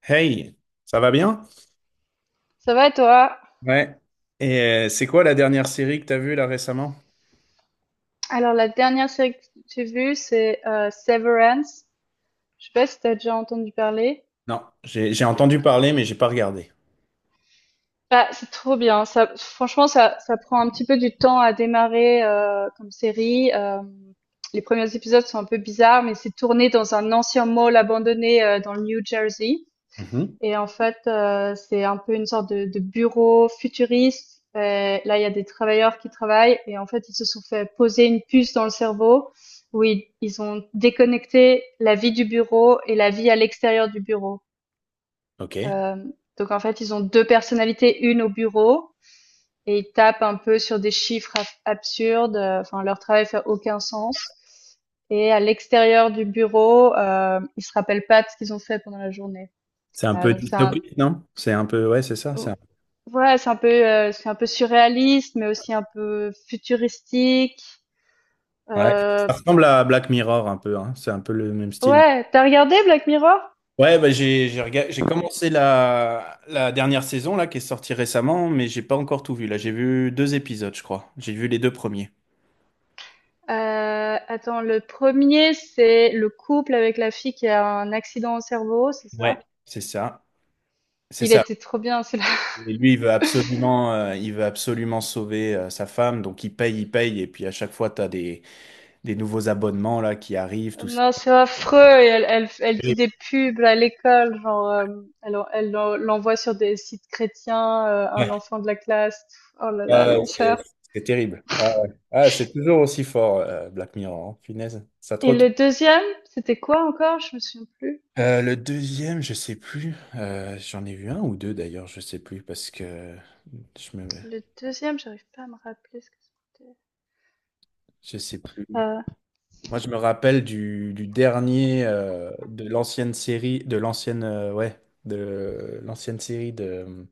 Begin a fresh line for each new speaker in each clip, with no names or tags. Hey, ça va bien?
Ça va et toi?
Ouais. Et c'est quoi la dernière série que t'as vue là récemment?
Alors, la dernière série que j'ai vue, c'est Severance. Je sais pas si t'as déjà entendu parler.
Non, j'ai entendu parler mais j'ai pas regardé.
Bah, c'est trop bien. Ça, franchement, ça prend un petit peu du temps à démarrer comme série. Les premiers épisodes sont un peu bizarres, mais c'est tourné dans un ancien mall abandonné dans le New Jersey.
Mhm.
Et en fait, c'est un peu une sorte de bureau futuriste et là, il y a des travailleurs qui travaillent et en fait, ils se sont fait poser une puce dans le cerveau où ils ont déconnecté la vie du bureau et la vie à l'extérieur du bureau.
Ok.
Hem, donc en fait, ils ont 2 personnalités, une au bureau et ils tapent un peu sur des chiffres ab absurdes, enfin leur travail fait aucun sens et à l'extérieur du bureau, ils se rappellent pas de ce qu'ils ont fait pendant la journée.
C'est un
Voilà,
peu
donc c'est un...
dystopique, non? C'est un peu ouais, c'est ça,
Ouais, c'est un peu surréaliste, mais aussi un peu futuristique,
Ouais.
heu,
Ça ressemble à Black Mirror un peu, hein. C'est un peu le même style.
ouais. T'as regardé Black Mirror?
Ouais, bah j'ai commencé la dernière saison là qui est sortie récemment, mais j'ai pas encore tout vu. Là, j'ai vu deux épisodes, je crois. J'ai vu les deux premiers.
Heu, Attends, le premier c'est le couple avec la fille qui a un accident au cerveau, c'est ça?
C'est ça. C'est
Il
ça.
était trop bien celui-là.
Et lui, il veut absolument sauver sa femme, donc il paye, et puis à chaque fois, tu as des nouveaux abonnements là qui arrivent, tout ça.
Non, c'est affreux et elle dit des pubs à l'école, genre, elle l'envoie sur des sites chrétiens,
Ouais.
un enfant de la classe. Oh là
Ah
là,
ouais, c'est
l'enfer.
c'est terrible. Ah, ouais. Ah, c'est toujours aussi fort, Black Mirror, hein. Punaise, ça te
Et
retourne.
le deuxième c'était quoi encore? Je me souviens plus.
Le deuxième, je sais plus. J'en ai vu un ou deux d'ailleurs, je sais plus parce que je me,
Le deuxième, j'arrive pas à me rappeler ce que c'était.
je sais plus.
Euh,
Moi, je me rappelle du dernier de l'ancienne série, de l'ancienne série de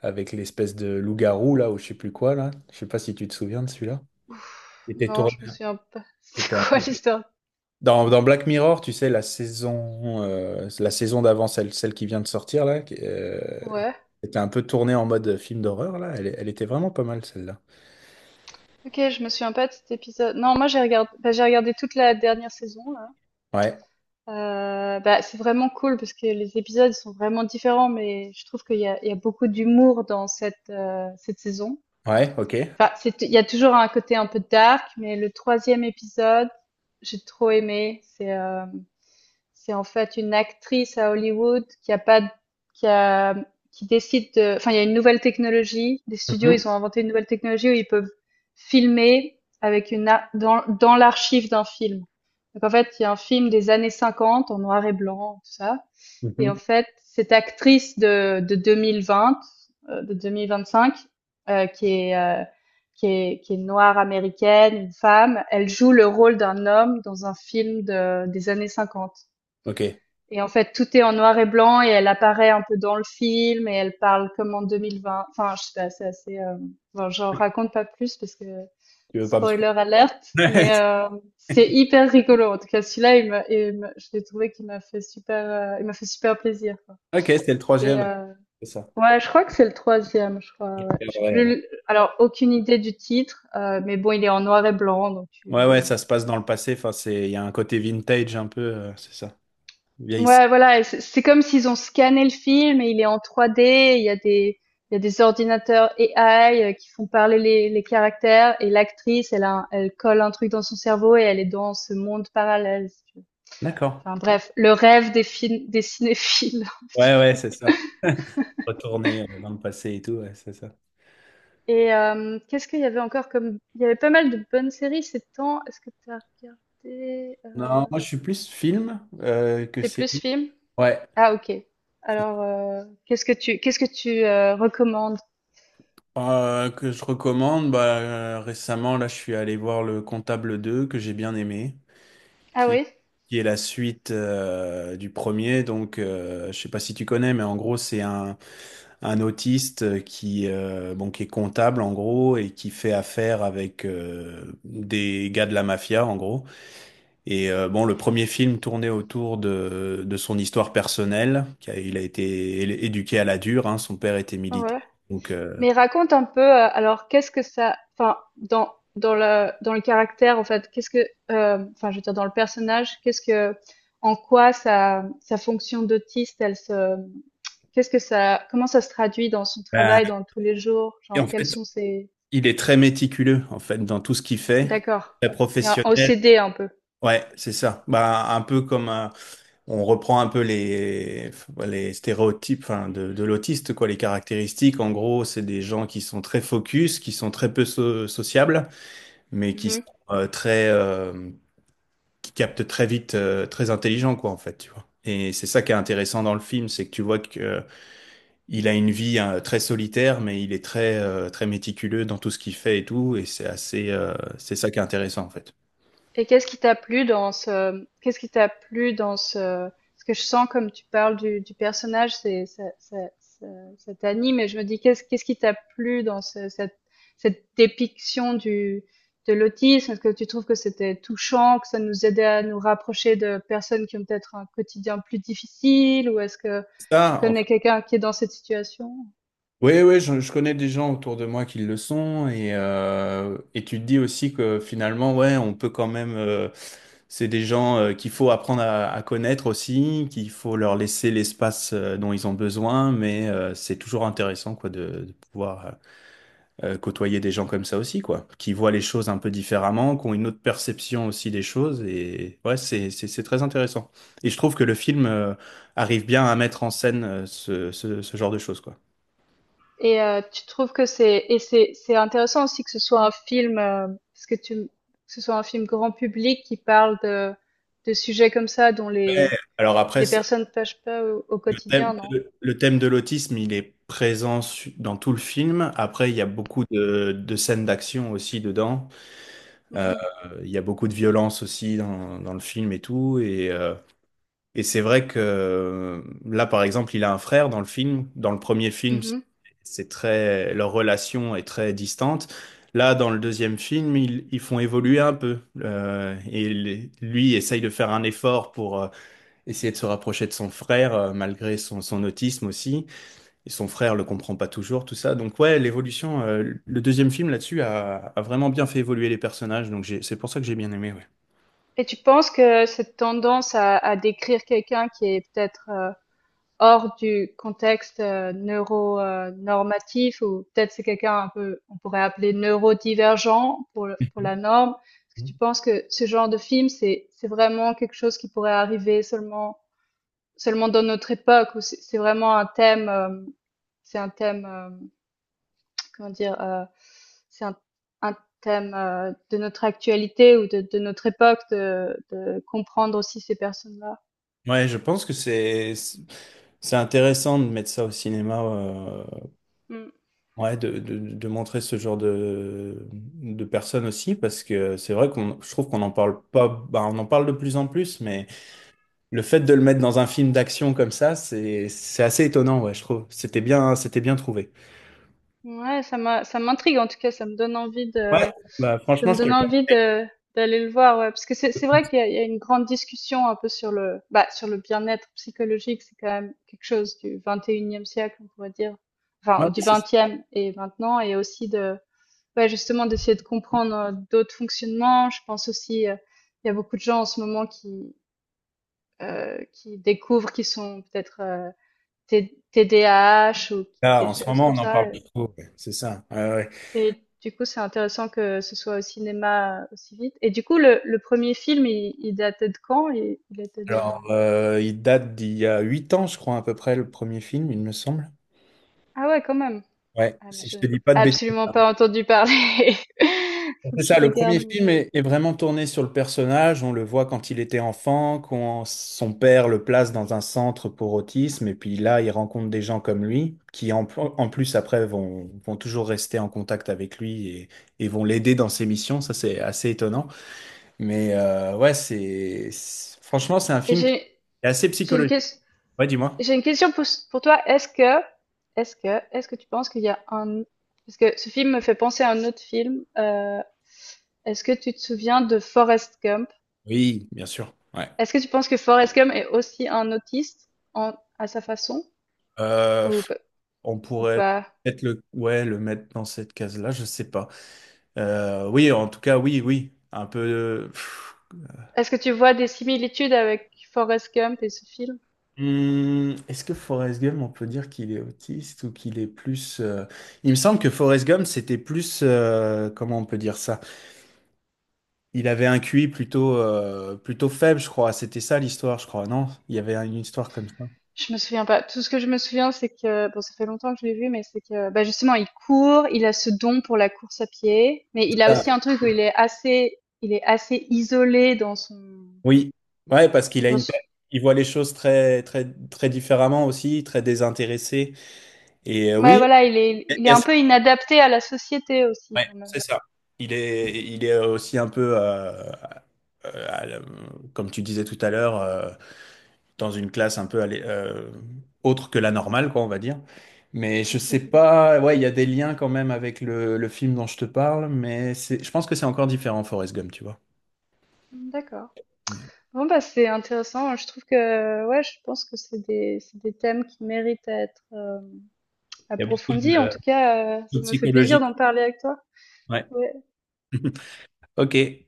avec l'espèce de loup-garou là ou je sais plus quoi là. Je sais pas si tu te souviens de celui-là. Qui était
non, je
tourné,
me souviens pas.
qui
C'est
était un
quoi l'histoire?
Dans, dans Black Mirror, tu sais, la saison d'avant, celle qui vient de sortir là,
Ouais.
était un peu tournée en mode film d'horreur là. Elle était vraiment pas mal celle-là.
Ok, je me souviens pas de cet épisode. Non, moi j'ai regardé, bah, j'ai regardé toute la dernière saison là.
Ouais,
Bah, c'est vraiment cool parce que les épisodes ils sont vraiment différents, mais je trouve qu'il y a beaucoup d'humour dans cette saison.
ouais, ok.
Enfin, c'est, il y a toujours un côté un peu dark, mais le troisième épisode, j'ai trop aimé. C'est en fait une actrice à Hollywood qui a pas, d- qui a, qui décide de, enfin, il y a une nouvelle technologie. Les studios,
Mhm.
ils ont inventé une nouvelle technologie où ils peuvent filmer avec dans l'archive d'un film. Donc, en fait, il y a un film des années 50 en noir et blanc, tout ça. Et en
Mhm.
fait, cette actrice de 2020, de 2025, euh, qui est, euh, qui est noire américaine, une femme, elle joue le rôle d'un homme dans un film des années 50.
Ok,
Et en fait, tout est en noir et blanc et elle apparaît un peu dans le film et elle parle comme en 2020. Enfin, je sais pas, c'est assez. Bon, j'en raconte pas plus parce que
tu veux pas me
spoiler
spoiler.
alerte, mais c'est hyper rigolo. En tout cas, celui-là, je l'ai trouvé qu'il m'a fait super plaisir, quoi.
Ok, c'est le
Et
troisième.
euh,
C'est ça.
ouais, je crois que c'est le troisième, je crois.
Je
Ouais. Je sais
regarderai,
plus.
alors.
Alors, aucune idée du titre, mais bon, il est en noir et blanc, donc
Ouais,
tu...
ouais, ça se passe dans le passé. Enfin, c'est, il y a un côté vintage un peu, c'est ça. Vieillissant.
Ouais, voilà, et c'est comme s'ils ont scanné le film et il est en 3D, il y a des ordinateurs AI qui font parler les caractères et l'actrice, elle colle un truc dans son cerveau et elle est dans ce monde parallèle, si tu veux.
D'accord.
Enfin bref, le rêve des films des cinéphiles. Un petit
Ouais, ouais, c'est ça. Retourner dans le passé et tout, ouais, c'est ça.
peu. Et qu'est-ce qu'il y avait encore comme il y avait pas mal de bonnes séries ces temps. Est-ce que tu as regardé
Non, moi je suis plus film que
T'es plus
série.
film?
Ouais.
Ah OK. Alors qu'est-ce que tu recommandes?
Que je recommande. Bah, récemment, là, je suis allé voir Le Comptable 2 que j'ai bien aimé,
Ah
qui,
oui?
qui est la suite du premier. Donc, je sais pas si tu connais, mais en gros, un autiste qui, qui est comptable en gros et qui fait affaire avec des gars de la mafia en gros. Et le premier film tournait autour de son histoire personnelle. Il a été éduqué à la dure, hein, son père était militaire.
Ouais.
Donc,
Mais raconte un peu, alors qu'est-ce que ça, enfin dans le caractère en fait, qu'est-ce que, enfin je veux dire dans le personnage, qu'est-ce que, en quoi sa fonction d'autiste, elle se, qu'est-ce que ça, comment ça se traduit dans son
ben,
travail, dans tous les jours,
et en
genre quels
fait,
sont ses...
il est très méticuleux en fait dans tout ce qu'il fait,
D'accord.
très
Il y a un
professionnel.
OCD un peu.
Ouais, c'est ça. Bah, un peu comme un- on reprend un peu les stéréotypes enfin, de l'autiste, quoi, les caractéristiques. En gros, c'est des gens qui sont très focus, qui sont très peu sociables, mais qui sont euh, très, euh, qui capte très vite, très intelligent, quoi, en fait, tu vois. Et c'est ça qui est intéressant dans le film, c'est que tu vois que il a une vie hein, très solitaire, mais il est très très méticuleux dans tout ce qu'il fait et tout, et c'est assez, c'est ça qui est intéressant en fait.
Et qu'est-ce qui t'a plu dans ce, ce que je sens comme tu parles du personnage, c'est, ça t'anime et je me dis qu'est-ce qui t'a plu dans cette dépiction de l'autisme? Est-ce que tu trouves que c'était touchant, que ça nous aidait à nous rapprocher de personnes qui ont peut-être un quotidien plus difficile ou est-ce que tu
Ça, en
connais quelqu'un qui est dans cette situation?
Oui, oui, je connais des gens autour de moi qui le sont et tu te dis aussi que finalement, ouais, on peut quand même, c'est des gens qu'il faut apprendre à connaître aussi, qu'il faut leur laisser l'espace dont ils ont besoin, mais c'est toujours intéressant quoi de pouvoir côtoyer des gens comme ça aussi quoi, qui voient les choses un peu différemment, qui ont une autre perception aussi des choses et ouais, c'est très intéressant. Et je trouve que le film arrive bien à mettre en scène ce genre de choses quoi.
Et tu trouves que c'est et c'est c'est intéressant aussi que ce soit un film, parce que tu que ce soit un film grand public qui parle de sujets comme ça dont les
Alors après,
les personnes pêchent pas au quotidien, non?
le thème de l'autisme, il est présent dans tout le film. Après, il y a beaucoup de scènes d'action aussi dedans.
Mmh
Euh,
mh.
il y a beaucoup de violence aussi dans, dans le film et tout. Et c'est vrai que là, par exemple, il a un frère dans le film. Dans le premier film, c'est
Mmh.
c'est très, leur relation est très distante. Là, dans le deuxième film, ils font évoluer un peu. Et lui essaye de faire un effort pour essayer de se rapprocher de son frère, malgré son autisme aussi et son frère le comprend pas toujours, tout ça. Donc ouais, l'évolution, le deuxième film là-dessus a vraiment bien fait évoluer les personnages, donc c'est pour ça que j'ai bien aimé, ouais.
Et tu penses que cette tendance à décrire quelqu'un qui est peut-être, hors du contexte neuro normatif ou peut-être c'est quelqu'un un peu on pourrait appeler neurodivergent pour la norme. Est-ce que tu penses que ce genre de film c'est vraiment quelque chose qui pourrait arriver seulement dans notre époque ou c'est vraiment un thème c'est un thème comment dire c'est un thème de notre actualité ou de notre époque de comprendre aussi ces personnes-là.
Ouais, je pense que c'est intéressant de mettre ça au cinéma,
Mm.
ouais, de montrer ce genre de personnes aussi, parce que c'est vrai qu'on, je trouve qu'on en parle pas, bah, on en parle de plus en plus, mais le fait de le mettre dans un film d'action comme ça, c'est assez étonnant, ouais, je trouve. C'était bien trouvé.
Ouais, ça m'intrigue en tout cas, ça me donne envie
Ouais,
de...
bah
Ça
franchement,
me
je te
donne
le.
envie de d'aller le voir, ouais, parce que c'est vrai qu'il y a une grande discussion un peu sur le bah, sur le bien-être psychologique, c'est quand même quelque chose du 21e siècle, on pourrait dire,
Ouais,
enfin du
c'est
20e et maintenant, et aussi de ouais, justement d'essayer de comprendre d'autres fonctionnements. Je pense aussi, il y a beaucoup de gens en ce moment qui découvrent qu'ils sont peut-être TDAH ou
Ah,
des
en ce
choses
moment,
comme
on en
ça.
parle beaucoup, ouais, c'est ça. Ouais, ouais.
Et du coup, c'est intéressant que ce soit au cinéma, aussi vite. Et du coup, le 1er film, il datait de quand? Il était
Alors,
de...
il date d'il y a 8 ans, je crois, à peu près, le premier film, il me semble.
Ah ouais, quand même!
Ouais,
Ah mais
si
je
je te
n'ai
dis pas de bêtises.
absolument pas entendu parler. Faut que
C'est
je
ça, le premier
regarde, mais
film est vraiment tourné sur le personnage. On le voit quand il était enfant, quand son père le place dans un centre pour autisme, et puis là, il rencontre des gens comme lui, en plus, après, vont toujours rester en contact avec lui et et vont l'aider dans ses missions. Ça, c'est assez étonnant. Mais ouais, Franchement, c'est un
et
film C'est assez
j'ai une
psychologique.
ques
Ouais, dis-moi.
j'ai une question pour toi. Est-ce que est-ce que tu penses qu'il y a un... Parce que ce film me fait penser à un autre film, est-ce que tu te souviens de Forrest Gump?
Oui, bien sûr. Ouais.
Est-ce que tu penses que Forrest Gump est aussi un autiste en à sa façon?
Euh,
Ou ou
on pourrait
pas?
peut-être ouais, le mettre dans cette case-là, je sais pas. Oui, en tout cas, oui, oui. Un peu. Pff.
Est-ce que tu vois des similitudes avec Forrest Gump et ce film?
Hmm, est-ce que Forrest Gump, on peut dire qu'il est autiste ou qu'il est plus. Il me semble que Forrest Gump, c'était plus. Comment on peut dire ça? Il avait un QI plutôt, plutôt faible, je crois. C'était ça l'histoire, je crois. Non? Il y avait une histoire comme ça.
Je me souviens pas. Tout ce que je me souviens, c'est que, bon, ça fait longtemps que je l'ai vu, mais c'est que, bah, justement, il court, il a ce don pour la course à pied, mais il a
Ah.
aussi un truc où il est assez isolé dans son,
Oui, ouais, parce qu'il a
dans son...
il voit les choses très, très, très différemment aussi, très désintéressé. Et
Ouais,
oui,
voilà, il est,
il
il
y
est
a-
un peu inadapté à la société aussi,
ouais,
quand même.
c'est ça. Il est aussi un peu, euh, à la- comme tu disais tout à l'heure, dans une classe un peu autre que la normale, quoi, on va dire. Mais je
Mhm.
sais pas, ouais, il y a des liens quand même avec le film dont je te parle, mais c'est, je pense que c'est encore différent, Forrest Gump, tu vois.
D'accord.
Il
Bon, bah, c'est intéressant. Je trouve que, ouais, je pense que c'est des thèmes qui méritent à être,
y a beaucoup
approfondie. En tout cas,
de
ça me fait plaisir
psychologie.
d'en parler avec toi.
Ouais.
Ouais.
Ok.